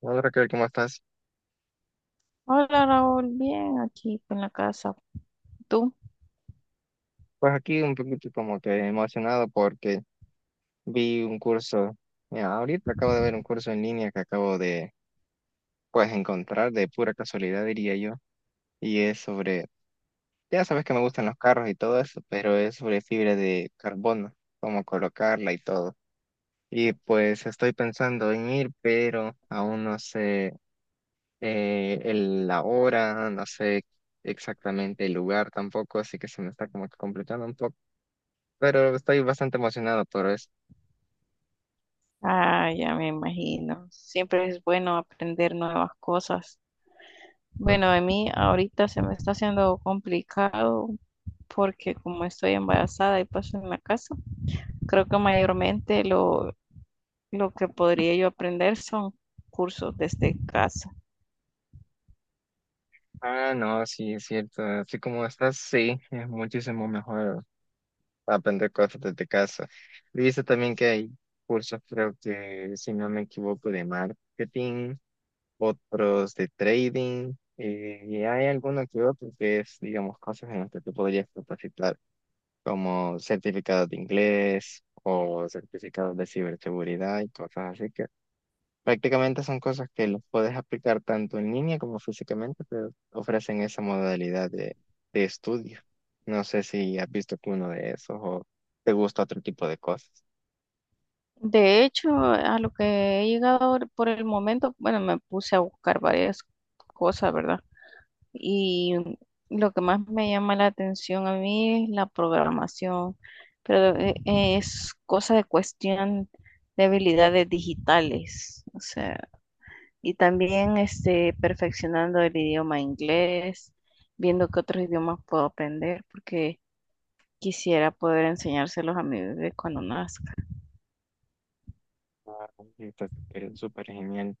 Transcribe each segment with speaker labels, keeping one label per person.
Speaker 1: Hola Raquel, ¿cómo estás?
Speaker 2: Hola Raúl, bien aquí en la casa. ¿Tú?
Speaker 1: Pues aquí un poquito como que emocionado porque vi un curso, mira, ahorita acabo de ver un curso en línea que acabo de pues encontrar de pura casualidad diría yo, y es sobre, ya sabes que me gustan los carros y todo eso, pero es sobre fibra de carbono, cómo colocarla y todo. Y pues estoy pensando en ir, pero aún no sé la hora, no sé exactamente el lugar tampoco, así que se me está como que completando, pero estoy bastante emocionado por eso.
Speaker 2: Ah, ya me imagino. Siempre es bueno aprender nuevas cosas. Bueno, a mí ahorita se me está haciendo complicado porque como estoy embarazada y paso en la casa, creo que mayormente lo que podría yo aprender son cursos desde casa.
Speaker 1: Ah, no, sí, es cierto. Así como estás, sí, es muchísimo mejor aprender cosas desde casa. He visto también que hay cursos, creo que, si no me equivoco, de marketing, otros de trading, y hay alguno que otro que es, digamos, cosas en las que tú podrías capacitar, como certificados de inglés o certificados de ciberseguridad y cosas así. Prácticamente son cosas que los puedes aplicar tanto en línea como físicamente, pero ofrecen esa modalidad de estudio. No sé si has visto alguno de esos o te gusta otro tipo de cosas.
Speaker 2: De hecho, a lo que he llegado por el momento, bueno, me puse a buscar varias cosas, ¿verdad? Y lo que más me llama la atención a mí es la programación, pero es cosa de cuestión de habilidades digitales, o sea, y también este, perfeccionando el idioma inglés, viendo qué otros idiomas puedo aprender, porque quisiera poder enseñárselos a mi bebé cuando nazca.
Speaker 1: Ah, sí, está súper súper genial.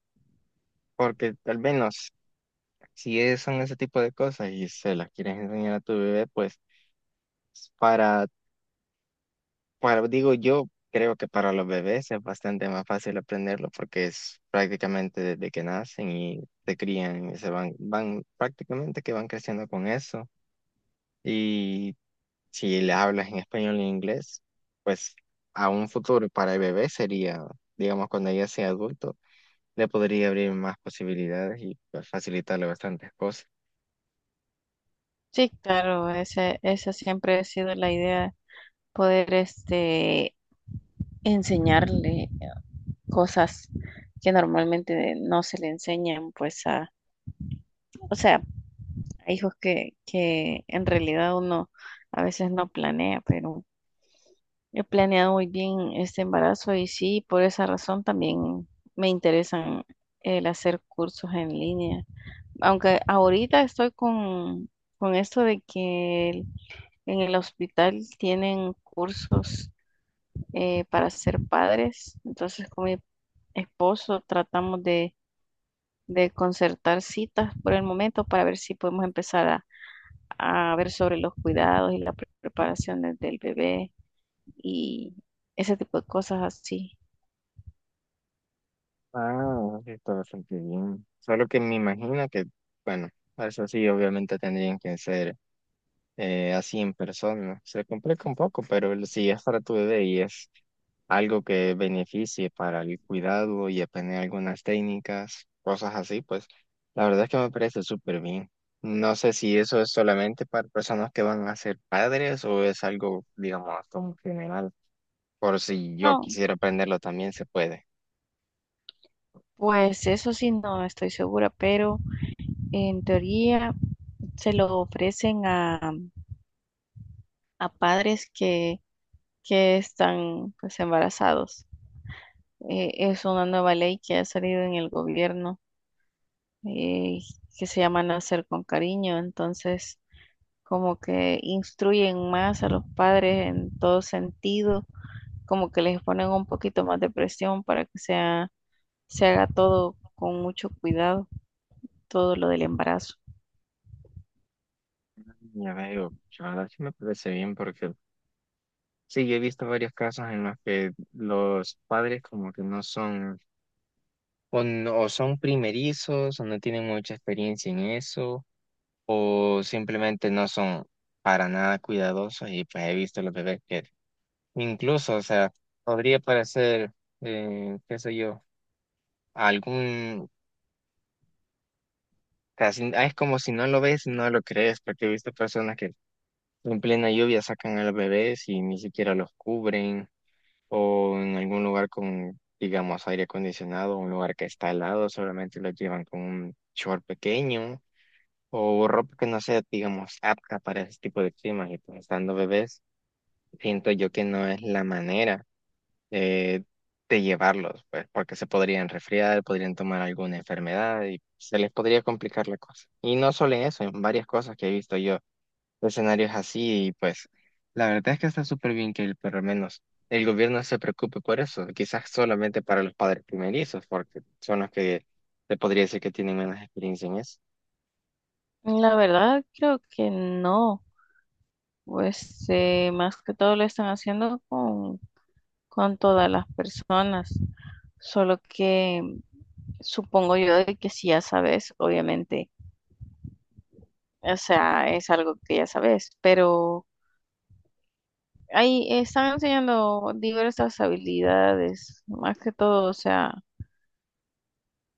Speaker 1: Porque al menos si es- son ese tipo de cosas y se las quieres enseñar a tu bebé, pues para, bueno, digo yo, creo que para los bebés es bastante más fácil aprenderlo porque es prácticamente desde que nacen y se crían y se van prácticamente que van creciendo con eso. Y si le hablas en español e inglés, pues a un futuro para el bebé sería, digamos, cuando ella sea adulto, le podría abrir más posibilidades y pues facilitarle bastantes cosas.
Speaker 2: Sí, claro, esa siempre ha sido la idea, poder este, enseñarle cosas que normalmente no se le enseñan, pues a, o sea, a hijos que en realidad uno a veces no planea, pero he planeado muy bien este embarazo y sí, por esa razón también me interesan el hacer cursos en línea. Aunque ahorita estoy con esto de que en el hospital tienen cursos para ser padres, entonces con mi esposo tratamos de concertar citas por el momento para ver si podemos empezar a ver sobre los cuidados y las preparaciones del bebé y ese tipo de cosas así.
Speaker 1: Ah, sí, está bastante bien. Solo que me imagino que, bueno, eso sí, obviamente tendrían que ser, así en persona. Se complica un poco, pero si es para tu bebé y es algo que beneficie para el cuidado y aprender algunas técnicas, cosas así, pues la verdad es que me parece súper bien. No sé si eso es solamente para personas que van a ser padres o es algo, digamos, como general. Por si yo
Speaker 2: No,
Speaker 1: quisiera aprenderlo también se puede.
Speaker 2: pues eso sí, no estoy segura, pero en teoría se lo ofrecen a padres que están pues embarazados. Es una nueva ley que ha salido en el gobierno, eh, que se llama Nacer con Cariño, entonces como que instruyen más a los padres en todo sentido, como que les ponen un poquito más de presión para que sea, se haga todo con mucho cuidado, todo lo del embarazo.
Speaker 1: Ya veo, la verdad sí me parece bien porque sí, yo he visto varios casos en los que los padres como que no son o son primerizos, o no tienen mucha experiencia en eso, o simplemente no son para nada cuidadosos y pues he visto los bebés que incluso, o sea, podría parecer, qué sé yo, algún, casi, ah, es como si no lo ves, no lo crees, porque he visto personas que en plena lluvia sacan a los bebés y ni siquiera los cubren, o en algún lugar con, digamos, aire acondicionado, un lugar que está helado, solamente los llevan con un short pequeño o ropa que no sea, digamos, apta para ese tipo de climas y pues estando bebés, siento yo que no es la manera de, de llevarlos, pues, porque se podrían resfriar, podrían tomar alguna enfermedad y se les podría complicar la cosa. Y no solo en eso, en varias cosas que he visto yo, escenarios así y pues la verdad es que está súper bien que por lo menos el gobierno se preocupe por eso, quizás solamente para los padres primerizos, porque son los que se podría decir que tienen menos experiencia en eso.
Speaker 2: La verdad, creo que no, pues más que todo lo están haciendo con todas las personas, solo que supongo yo de que si ya sabes, obviamente, o sea, es algo que ya sabes, pero... Ahí están enseñando diversas habilidades, más que todo, o sea,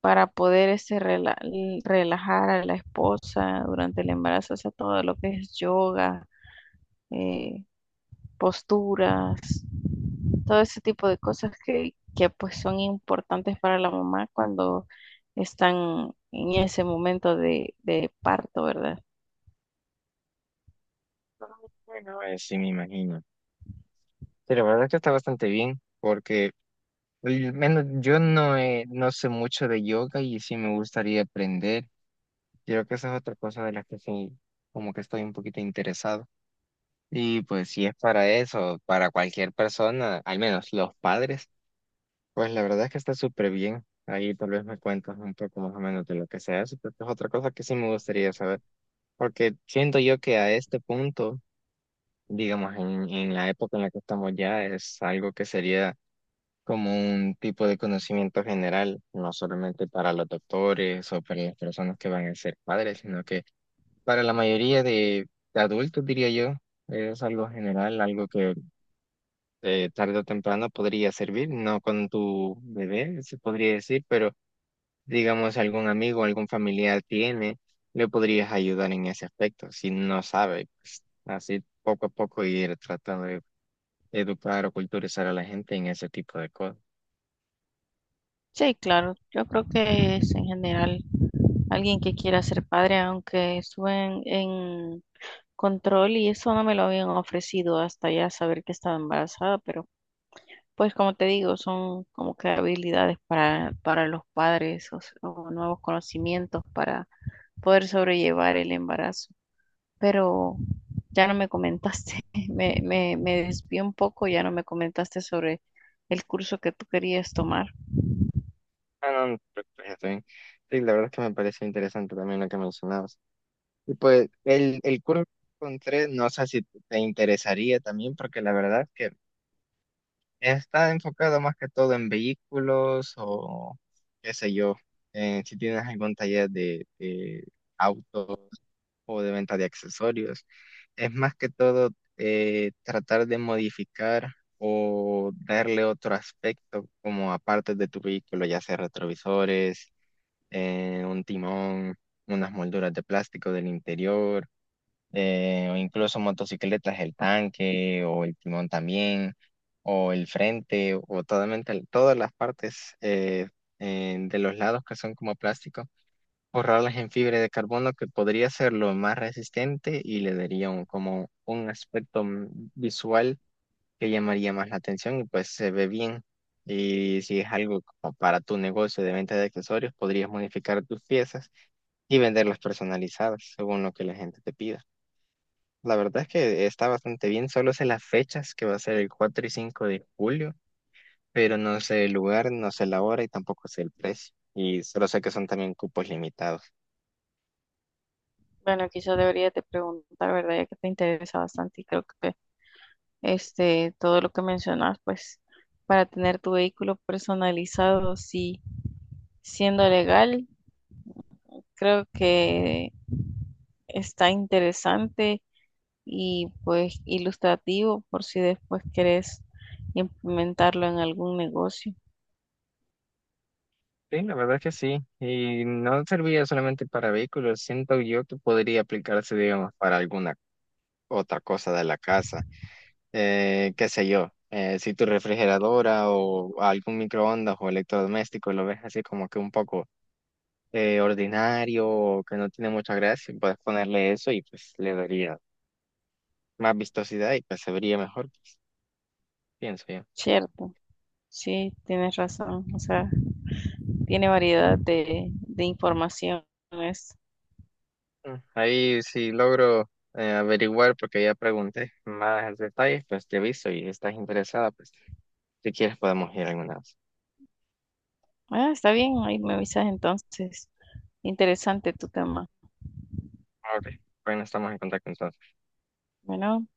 Speaker 2: para poder este, relajar a la esposa durante el embarazo, o sea, todo lo que es yoga, eh, posturas, todo ese tipo de cosas que pues son importantes para la mamá cuando están en ese momento de parto, ¿verdad?
Speaker 1: Bueno, sí me imagino. Sí, la verdad que está bastante bien, porque al menos yo no, no sé mucho de yoga y sí me gustaría aprender. Creo que esa es otra cosa de la que sí, como que estoy un poquito interesado. Y pues si es para eso, para cualquier persona, al menos los padres, pues la verdad es que está súper bien. Ahí tal vez me cuentas un poco más o menos de lo que se hace, porque es otra cosa que sí me gustaría saber, porque siento yo que a este punto, digamos, en la época en la que estamos ya, es algo que sería como un tipo de conocimiento general, no solamente para los doctores o para las personas que van a ser padres, sino que para la mayoría de adultos, diría yo, es algo general, algo que tarde o temprano podría servir, no con tu bebé, se podría decir, pero digamos algún amigo, algún familiar tiene, le podrías ayudar en ese aspecto, si no sabe, pues, así poco a poco ir tratando de educar o culturizar a la gente en ese tipo de cosas.
Speaker 2: Sí, claro, yo creo que es en general alguien que quiera ser padre, aunque suben en control y eso no me lo habían ofrecido hasta ya saber que estaba embarazada, pero pues como te digo, son como que habilidades para los padres o, o nuevos conocimientos para poder sobrellevar el embarazo. Pero ya no me comentaste, me desvié un poco, ya no me comentaste sobre el curso que tú querías tomar.
Speaker 1: Ah, no, no, pues, está bien. Sí, la verdad es que me parece interesante también lo que mencionabas. Y pues el curso que encontré, no sé si te interesaría también, porque la verdad es que está enfocado más que todo en vehículos o qué sé yo, si tienes algún taller de auto o de venta de accesorios. Es más que todo, tratar de modificar o darle otro aspecto como aparte de tu vehículo, ya sea retrovisores, un timón, unas molduras de plástico del interior, o incluso motocicletas, el tanque o el timón también, o el frente, o totalmente, todas las partes de los lados que son como plástico, borrarlas en fibra de carbono que podría ser lo más resistente y le daría un, como un aspecto visual que llamaría más la atención y pues se ve bien. Y si es algo como para tu negocio de venta de accesorios, podrías modificar tus piezas y venderlas personalizadas según lo que la gente te pida. La verdad es que está bastante bien, solo sé las fechas que va a ser el 4 y 5 de julio, pero no sé el lugar, no sé la hora y tampoco sé el precio. Y solo sé que son también cupos limitados.
Speaker 2: Bueno, quizás deberías de preguntar, ¿verdad? Ya que te interesa bastante y creo que este, todo lo que mencionas, pues para tener tu vehículo personalizado, sí, siendo legal, creo que está interesante y pues ilustrativo por si después querés implementarlo en algún negocio.
Speaker 1: Sí, la verdad es que sí. Y no serviría solamente para vehículos, siento yo que podría aplicarse, digamos, para alguna otra cosa de la casa. Qué sé yo, si tu refrigeradora o algún microondas o electrodoméstico lo ves así como que un poco ordinario o que no tiene mucha gracia, puedes ponerle eso y pues le daría más vistosidad y pues se vería mejor, pienso yo.
Speaker 2: Cierto, sí, tienes razón. O sea, tiene variedad de informaciones.
Speaker 1: Mm, ahí si logro averiguar, porque ya pregunté más detalles, pues te aviso y estás interesada, pues si quieres podemos ir alguna vez.
Speaker 2: Ah, está bien, ahí me avisas entonces. Interesante tu tema.
Speaker 1: Ok, bueno, estamos en contacto entonces.
Speaker 2: Bueno.